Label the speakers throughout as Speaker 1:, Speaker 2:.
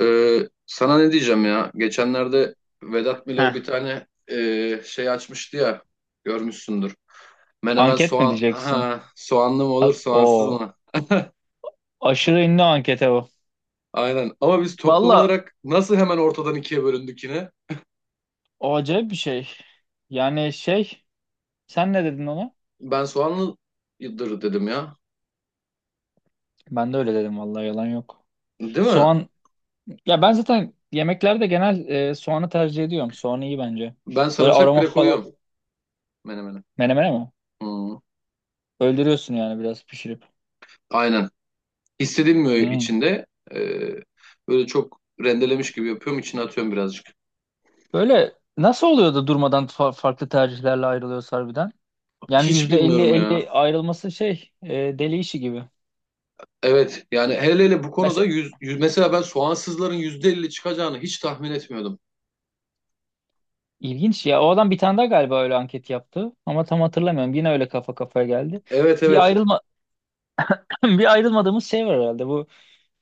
Speaker 1: Ee, Sana ne diyeceğim ya? Geçenlerde Vedat Milor
Speaker 2: Heh,
Speaker 1: bir tane şey açmıştı ya. Görmüşsündür. Menemen
Speaker 2: anket mi
Speaker 1: soğan.
Speaker 2: diyeceksin?
Speaker 1: Ha, soğanlı mı olur, soğansız
Speaker 2: O
Speaker 1: mı?
Speaker 2: aşırı ünlü ankete bu.
Speaker 1: Aynen. Ama biz toplum
Speaker 2: Valla
Speaker 1: olarak nasıl hemen ortadan ikiye bölündük yine?
Speaker 2: o acayip bir şey. Yani şey, sen ne dedin ona?
Speaker 1: Ben soğanlıdır dedim ya.
Speaker 2: Ben de öyle dedim, vallahi yalan yok.
Speaker 1: Değil mi?
Speaker 2: Soğan, ya ben zaten yemeklerde genel soğanı tercih ediyorum. Soğan iyi bence.
Speaker 1: Ben
Speaker 2: Böyle
Speaker 1: sarımsak
Speaker 2: aroma
Speaker 1: bile
Speaker 2: falan
Speaker 1: koyuyorum menemene.
Speaker 2: menemene mi?
Speaker 1: Hı,
Speaker 2: Öldürüyorsun yani biraz pişirip.
Speaker 1: aynen. Hissedilmiyor
Speaker 2: Hmm.
Speaker 1: içinde. Ee, Böyle çok rendelemiş gibi yapıyorum. İçine atıyorum birazcık.
Speaker 2: Böyle nasıl oluyor da durmadan farklı tercihlerle ayrılıyoruz harbiden? Yani
Speaker 1: Hiç
Speaker 2: yüzde elli
Speaker 1: bilmiyorum ya.
Speaker 2: elli ayrılması şey deli işi gibi.
Speaker 1: Evet yani hele hele bu konuda mesela ben soğansızların %50 çıkacağını hiç tahmin etmiyordum.
Speaker 2: İlginç ya. O adam bir tane daha galiba öyle anket yaptı. Ama tam hatırlamıyorum. Yine öyle kafa kafaya geldi.
Speaker 1: Evet,
Speaker 2: Bir
Speaker 1: evet,
Speaker 2: ayrılma bir ayrılmadığımız şey var herhalde. Bu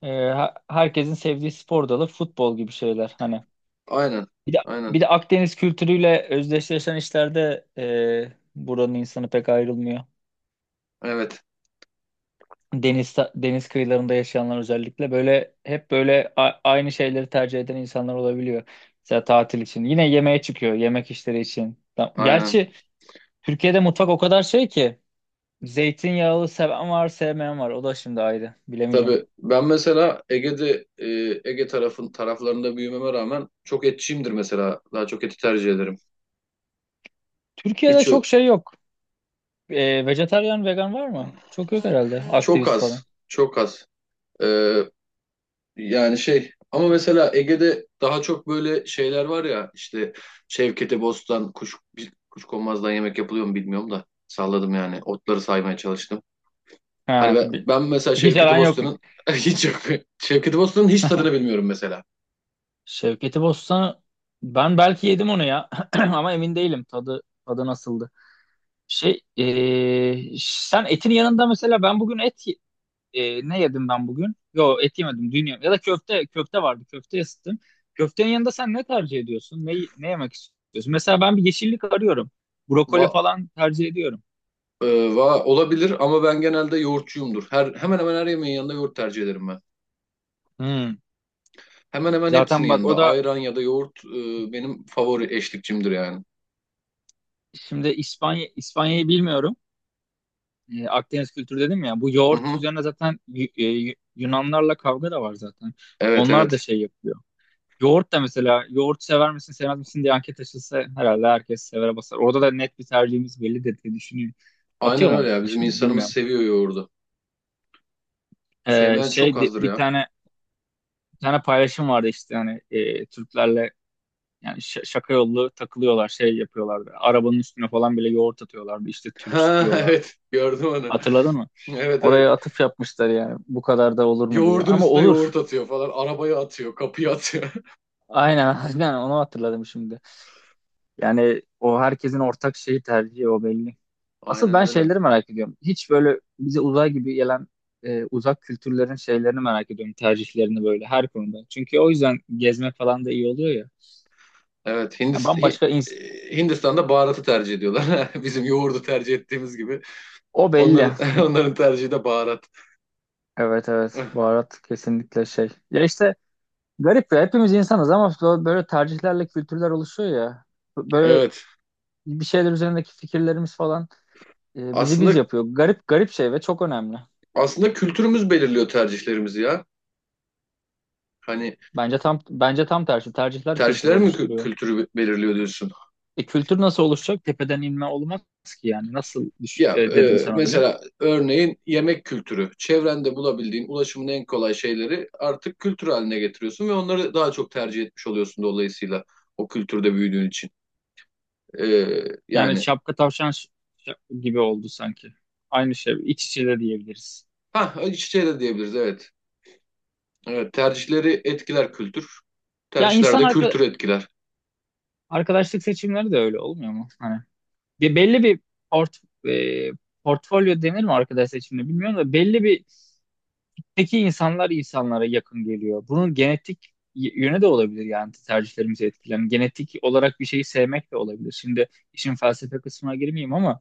Speaker 2: herkesin sevdiği spor dalı futbol gibi şeyler hani.
Speaker 1: aynen,
Speaker 2: Bir de
Speaker 1: aynen,
Speaker 2: bir de Akdeniz kültürüyle özdeşleşen işlerde buranın insanı pek ayrılmıyor.
Speaker 1: evet,
Speaker 2: Deniz kıyılarında yaşayanlar özellikle böyle hep böyle aynı şeyleri tercih eden insanlar olabiliyor. Mesela tatil için. Yine yemeğe çıkıyor, yemek işleri için.
Speaker 1: aynen.
Speaker 2: Gerçi Türkiye'de mutfak o kadar şey ki zeytinyağlı seven var, sevmeyen var. O da şimdi ayrı. Bilemeyeceğim.
Speaker 1: Tabii ben mesela Ege taraflarında büyümeme rağmen çok etçiyimdir mesela. Daha çok eti tercih ederim.
Speaker 2: Türkiye'de
Speaker 1: Hiç ö-
Speaker 2: çok şey yok. E, vejetaryen, vegan var mı? Çok yok herhalde.
Speaker 1: çok
Speaker 2: Aktivist
Speaker 1: az,
Speaker 2: falan.
Speaker 1: çok az. Ee, Yani şey ama mesela Ege'de daha çok böyle şeyler var ya işte Şevkete Bostan, Kuşkonmaz'dan yemek yapılıyor mu bilmiyorum da salladım yani otları saymaya çalıştım. Hani
Speaker 2: Ha,
Speaker 1: ben, ben mesela
Speaker 2: hiç
Speaker 1: Şevketi
Speaker 2: aran yok.
Speaker 1: Bostan'ın hiç yok. Şevketi Bostan'ın hiç tadını bilmiyorum mesela.
Speaker 2: Şevketi Bostan'ı ben belki yedim onu ya. Ama emin değilim, tadı nasıldı. Şey, sen etin yanında, mesela ben bugün et ne yedim ben bugün? Yo, et yemedim, dün yedim. Ya da köfte, köfte vardı, ısıttım. Köftenin yanında sen ne tercih ediyorsun? Ne yemek istiyorsun? Mesela ben bir yeşillik arıyorum.
Speaker 1: Va,
Speaker 2: Brokoli falan tercih ediyorum.
Speaker 1: e, Olabilir ama ben genelde yoğurtçuyumdur. Hemen hemen her yemeğin yanında yoğurt tercih ederim ben.
Speaker 2: Hmm.
Speaker 1: Hemen hemen hepsinin
Speaker 2: Zaten bak o
Speaker 1: yanında
Speaker 2: da
Speaker 1: ayran ya da yoğurt benim favori eşlikçimdir yani.
Speaker 2: şimdi İspanya'yı bilmiyorum. E, Akdeniz kültürü dedim ya. Bu
Speaker 1: Hı
Speaker 2: yoğurt
Speaker 1: hı.
Speaker 2: üzerine zaten Yunanlarla kavga da var zaten.
Speaker 1: Evet,
Speaker 2: Onlar da
Speaker 1: evet.
Speaker 2: şey yapıyor. Yoğurt da, mesela yoğurt sever misin sevmez misin diye anket açılsa herhalde herkes severe basar. Orada da net bir tercihimiz belli de diye düşünüyorum.
Speaker 1: Aynen
Speaker 2: Atıyorum
Speaker 1: öyle
Speaker 2: ama
Speaker 1: ya, bizim
Speaker 2: şimdi
Speaker 1: insanımız
Speaker 2: bilmiyorum.
Speaker 1: seviyor yoğurdu. Sevmeyen çok
Speaker 2: Şey de-
Speaker 1: azdır
Speaker 2: bir
Speaker 1: ya.
Speaker 2: tane bir tane paylaşım vardı işte hani Türklerle, yani şaka yollu takılıyorlar, şey yapıyorlardı. Arabanın üstüne falan bile yoğurt atıyorlardı, işte Türk
Speaker 1: Ha,
Speaker 2: diyorlardı.
Speaker 1: evet, gördüm onu.
Speaker 2: Hatırladın mı?
Speaker 1: Evet, evet.
Speaker 2: Oraya atıf yapmışlar yani, bu kadar da olur mu diye.
Speaker 1: Yoğurdun
Speaker 2: Ama
Speaker 1: üstüne
Speaker 2: olur.
Speaker 1: yoğurt atıyor falan. Arabaya atıyor, kapıya atıyor.
Speaker 2: Aynen, aynen onu hatırladım şimdi. Yani o herkesin ortak şeyi, tercihi o belli. Asıl
Speaker 1: Aynen
Speaker 2: ben
Speaker 1: öyle.
Speaker 2: şeyleri merak ediyorum. Hiç böyle bize uzay gibi gelen uzak kültürlerin şeylerini merak ediyorum. Tercihlerini böyle her konuda. Çünkü o yüzden gezmek falan da iyi oluyor ya.
Speaker 1: Evet,
Speaker 2: Yani bambaşka ins-
Speaker 1: Hindistan'da baharatı tercih ediyorlar. Bizim yoğurdu tercih ettiğimiz gibi.
Speaker 2: O belli.
Speaker 1: Onların onların tercihi de baharat.
Speaker 2: Evet, evet. Baharat kesinlikle şey. Ya işte garip ya. Hepimiz insanız ama böyle tercihlerle kültürler oluşuyor ya. Böyle
Speaker 1: Evet.
Speaker 2: bir şeyler üzerindeki fikirlerimiz falan bizi biz
Speaker 1: Aslında
Speaker 2: yapıyor. Garip garip şey ve çok önemli.
Speaker 1: aslında kültürümüz belirliyor tercihlerimizi ya. Hani
Speaker 2: Bence tam tersi. Tercihler kültürü
Speaker 1: tercihler mi
Speaker 2: oluşturuyor.
Speaker 1: kültürü belirliyor diyorsun?
Speaker 2: E, kültür nasıl oluşacak? Tepeden inme olmaz ki yani. Nasıl
Speaker 1: Ya,
Speaker 2: dedin sen öyle?
Speaker 1: mesela örneğin yemek kültürü. Çevrende bulabildiğin ulaşımın en kolay şeyleri artık kültür haline getiriyorsun ve onları daha çok tercih etmiş oluyorsun, dolayısıyla o kültürde büyüdüğün için. E,
Speaker 2: Yani
Speaker 1: Yani
Speaker 2: şapka tavşan gibi oldu sanki. Aynı şey. İç içe de diyebiliriz.
Speaker 1: ha, iç içe de diyebiliriz, evet. Evet, tercihleri etkiler kültür.
Speaker 2: Ya
Speaker 1: Tercihler
Speaker 2: insan
Speaker 1: de kültürü etkiler.
Speaker 2: arkadaşlık seçimleri de öyle olmuyor mu? Hani bir belli bir port e, portfolyo denir mi arkadaş seçimine bilmiyorum da, belli bir peki insanlar insanlara yakın geliyor. Bunun genetik yönü de olabilir yani, tercihlerimizi etkilen. Genetik olarak bir şeyi sevmek de olabilir. Şimdi işin felsefe kısmına girmeyeyim ama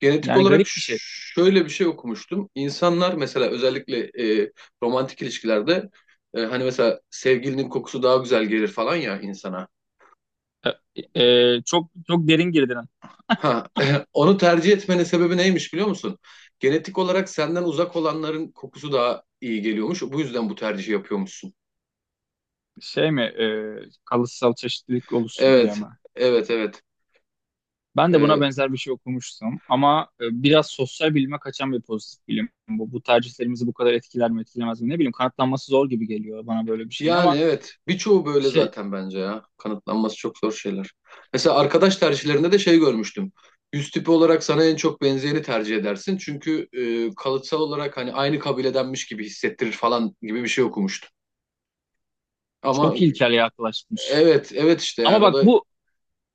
Speaker 1: Genetik
Speaker 2: yani
Speaker 1: olarak
Speaker 2: garip bir şey.
Speaker 1: şöyle bir şey okumuştum. İnsanlar mesela özellikle e, romantik ilişkilerde hani mesela sevgilinin kokusu daha güzel gelir falan ya insana.
Speaker 2: Çok çok derin girdin.
Speaker 1: Ha, onu tercih etmenin sebebi neymiş biliyor musun? Genetik olarak senden uzak olanların kokusu daha iyi geliyormuş. Bu yüzden bu tercihi yapıyormuşsun.
Speaker 2: Şey mi, kalıtsal çeşitlilik oluşsun diye
Speaker 1: Evet,
Speaker 2: mi?
Speaker 1: evet, evet.
Speaker 2: Ben de buna
Speaker 1: E,
Speaker 2: benzer bir şey okumuştum ama biraz sosyal bilime kaçan bir pozitif bilim. Bu tercihlerimizi bu kadar etkiler mi etkilemez mi, ne bileyim, kanıtlanması zor gibi geliyor bana böyle bir şeyin.
Speaker 1: Yani
Speaker 2: Ama
Speaker 1: evet. Birçoğu böyle
Speaker 2: şey,
Speaker 1: zaten bence ya. Kanıtlanması çok zor şeyler. Mesela arkadaş tercihlerinde de şey görmüştüm. Yüz tipi olarak sana en çok benzeyeni tercih edersin. Çünkü kalıtsal olarak hani aynı kabiledenmiş gibi hissettirir falan gibi bir şey okumuştum. Ama
Speaker 2: çok ilkel yaklaşmış.
Speaker 1: evet, evet işte
Speaker 2: Ama
Speaker 1: yani o
Speaker 2: bak
Speaker 1: da
Speaker 2: bu,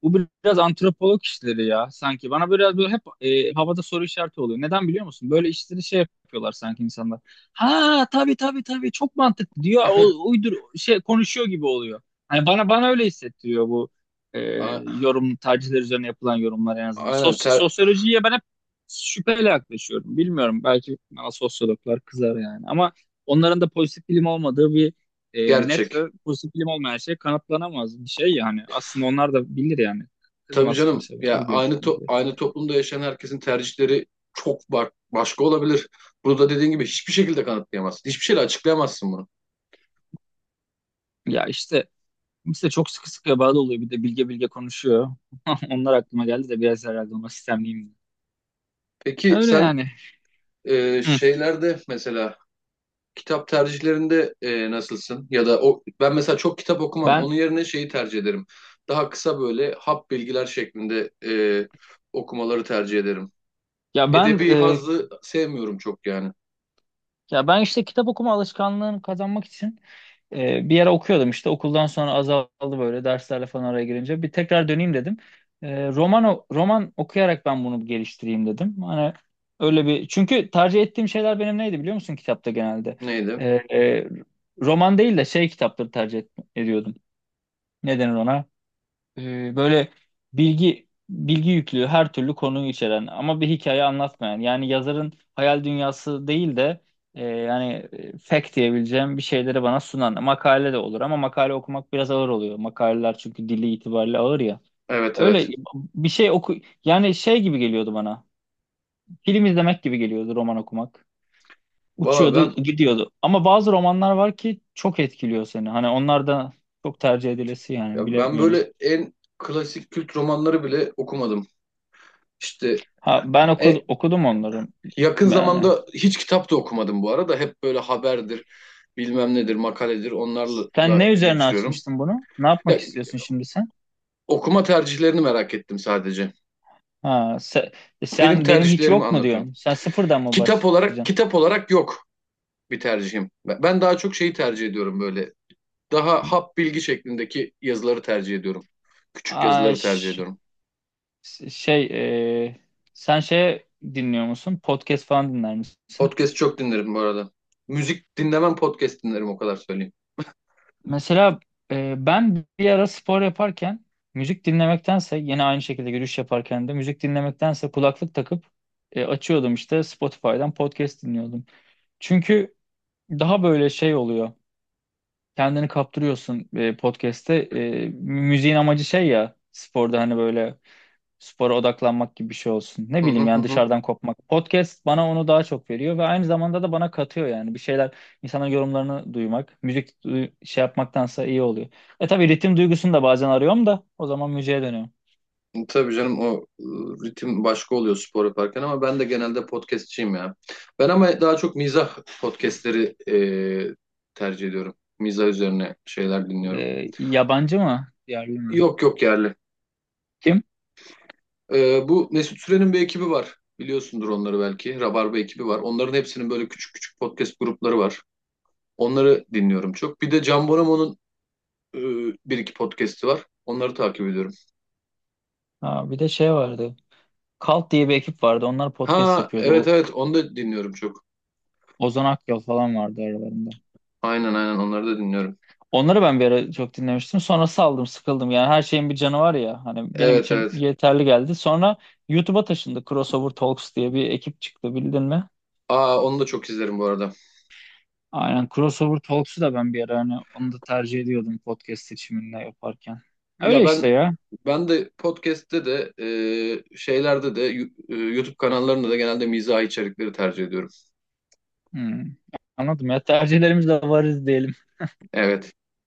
Speaker 2: bu biraz antropolog işleri ya sanki. Bana biraz böyle hep havada soru işareti oluyor. Neden biliyor musun? Böyle işleri şey yapıyorlar sanki insanlar. Ha, tabii tabii tabii, çok mantıklı diyor. O, uydur şey konuşuyor gibi oluyor. Hani bana öyle hissettiriyor bu e,
Speaker 1: a-
Speaker 2: yorum, tercihler üzerine yapılan yorumlar en azından.
Speaker 1: aynen
Speaker 2: Sosyolojiye ben hep şüpheyle yaklaşıyorum. Bilmiyorum, belki bana sosyologlar kızar yani. Ama onların da pozitif bilim olmadığı bir net ve
Speaker 1: gerçek.
Speaker 2: pozitif bilim olmayan şey, kanıtlanamaz bir şey yani. Aslında onlar da bilir yani.
Speaker 1: Tabii
Speaker 2: Kızmaz
Speaker 1: canım
Speaker 2: kimse
Speaker 1: ya
Speaker 2: bu görüşümde.
Speaker 1: aynı toplumda yaşayan herkesin tercihleri çok başka olabilir. Bunu da dediğin gibi hiçbir şekilde kanıtlayamazsın. Hiçbir şeyle açıklayamazsın bunu.
Speaker 2: Ya işte kimse çok sıkı sıkıya bağlı oluyor. Bir de bilge bilge konuşuyor. Onlar aklıma geldi de biraz herhalde ona sistemliyim.
Speaker 1: Peki
Speaker 2: Öyle
Speaker 1: sen,
Speaker 2: yani. Hı.
Speaker 1: Şeylerde mesela kitap tercihlerinde nasılsın? Ya da o, ben mesela çok kitap okumam.
Speaker 2: Ben
Speaker 1: Onun yerine şeyi tercih ederim. Daha kısa böyle hap bilgiler şeklinde okumaları tercih ederim.
Speaker 2: ya ben
Speaker 1: Edebi
Speaker 2: e,
Speaker 1: hazzı sevmiyorum çok yani.
Speaker 2: ya ben işte kitap okuma alışkanlığını kazanmak için bir ara okuyordum, işte okuldan sonra azaldı böyle derslerle falan araya girince. Bir tekrar döneyim dedim. Roman roman okuyarak ben bunu geliştireyim dedim. Hani öyle bir, çünkü tercih ettiğim şeyler benim neydi biliyor musun kitapta genelde?
Speaker 1: Neydi?
Speaker 2: Ee, e, roman değil de şey kitapları tercih ediyordum. Ne denir ona? Böyle bilgi yüklü, her türlü konuyu içeren ama bir hikaye anlatmayan, yani yazarın hayal dünyası değil de fact diyebileceğim bir şeyleri bana sunan. Makale de olur ama makale okumak biraz ağır oluyor. Makaleler çünkü dili itibariyle ağır ya.
Speaker 1: Evet,
Speaker 2: Öyle
Speaker 1: evet.
Speaker 2: bir şey oku Yani şey gibi geliyordu bana. Film izlemek gibi geliyordu roman okumak.
Speaker 1: Valla
Speaker 2: Uçuyordu,
Speaker 1: ben,
Speaker 2: gidiyordu. Ama bazı romanlar var ki çok etkiliyor seni. Hani onlar da çok tercih edilesi, yani
Speaker 1: ya ben
Speaker 2: bilemiyorum.
Speaker 1: böyle en klasik kült romanları bile okumadım. İşte
Speaker 2: Ha, ben
Speaker 1: e,
Speaker 2: okudum onları
Speaker 1: yakın
Speaker 2: yani.
Speaker 1: zamanda hiç kitap da okumadım bu arada. Hep böyle haberdir, bilmem nedir, makaledir,
Speaker 2: Sen
Speaker 1: onlarla
Speaker 2: ne üzerine
Speaker 1: geçiriyorum.
Speaker 2: açmıştın bunu? Ne yapmak
Speaker 1: Ya,
Speaker 2: istiyorsun şimdi sen?
Speaker 1: okuma tercihlerini merak ettim sadece.
Speaker 2: Ha,
Speaker 1: Benim
Speaker 2: sen benim hiç
Speaker 1: tercihlerimi
Speaker 2: yok mu
Speaker 1: anlatıyorum.
Speaker 2: diyorsun? Sen sıfırdan mı
Speaker 1: Kitap olarak
Speaker 2: başlayacaksın?
Speaker 1: kitap olarak yok bir tercihim. Ben daha çok şeyi tercih ediyorum böyle. Daha hap bilgi şeklindeki yazıları tercih ediyorum. Küçük
Speaker 2: Aa,
Speaker 1: yazıları tercih
Speaker 2: ş-
Speaker 1: ediyorum.
Speaker 2: şey, e, sen şey dinliyor musun? Podcast falan dinler misin?
Speaker 1: Podcast çok dinlerim bu arada. Müzik dinlemem, podcast dinlerim, o kadar söyleyeyim.
Speaker 2: Mesela ben bir ara spor yaparken müzik dinlemektense, yine aynı şekilde yürüyüş yaparken de müzik dinlemektense, kulaklık takıp açıyordum işte Spotify'dan podcast dinliyordum. Çünkü daha böyle şey oluyor. Kendini kaptırıyorsun podcast'te. E, müziğin amacı şey ya, sporda hani böyle spora odaklanmak gibi bir şey olsun. Ne
Speaker 1: Hı hı
Speaker 2: bileyim
Speaker 1: hı.
Speaker 2: yani,
Speaker 1: Hı.
Speaker 2: dışarıdan kopmak. Podcast bana onu daha çok veriyor ve aynı zamanda da bana katıyor yani. Bir şeyler, insanların yorumlarını duymak. Şey yapmaktansa iyi oluyor. E tabii ritim duygusunu da bazen arıyorum da o zaman müziğe dönüyorum.
Speaker 1: Tabii canım, o ritim başka oluyor spor yaparken, ama ben de genelde podcastçiyim ya. Ben ama daha çok mizah podcastleri tercih ediyorum. Mizah üzerine şeyler dinliyorum.
Speaker 2: E, yabancı mı? Yerli mi?
Speaker 1: Yok, yok, yerli.
Speaker 2: Kim?
Speaker 1: Bu Mesut Süren'in bir ekibi var. Biliyorsundur onları belki. Rabarba ekibi var. Onların hepsinin böyle küçük küçük podcast grupları var. Onları dinliyorum çok. Bir de Can Bonomo'nun e, bir iki podcast'i var. Onları takip ediyorum.
Speaker 2: Ha, bir de şey vardı. Kalt diye bir ekip vardı. Onlar podcast
Speaker 1: Ha,
Speaker 2: yapıyordu.
Speaker 1: evet,
Speaker 2: O,
Speaker 1: evet, onu da dinliyorum çok.
Speaker 2: Ozan Akyol falan vardı aralarında.
Speaker 1: Aynen, aynen, onları da dinliyorum.
Speaker 2: Onları ben bir ara çok dinlemiştim. Sonra saldım, sıkıldım. Yani her şeyin bir canı var ya. Hani benim
Speaker 1: Evet,
Speaker 2: için
Speaker 1: evet.
Speaker 2: yeterli geldi. Sonra YouTube'a taşındı. Crossover Talks diye bir ekip çıktı. Bildin mi?
Speaker 1: Aa, onu da çok izlerim bu arada.
Speaker 2: Aynen. Crossover Talks'u da ben bir ara, hani onu da tercih ediyordum podcast seçiminde yaparken.
Speaker 1: Ya
Speaker 2: Öyle
Speaker 1: ben
Speaker 2: işte ya.
Speaker 1: ben de podcast'te de şeylerde de YouTube kanallarında da genelde mizahi içerikleri tercih ediyorum.
Speaker 2: Hmm. Anladım ya. Tercihlerimiz de varız diyelim.
Speaker 1: Evet.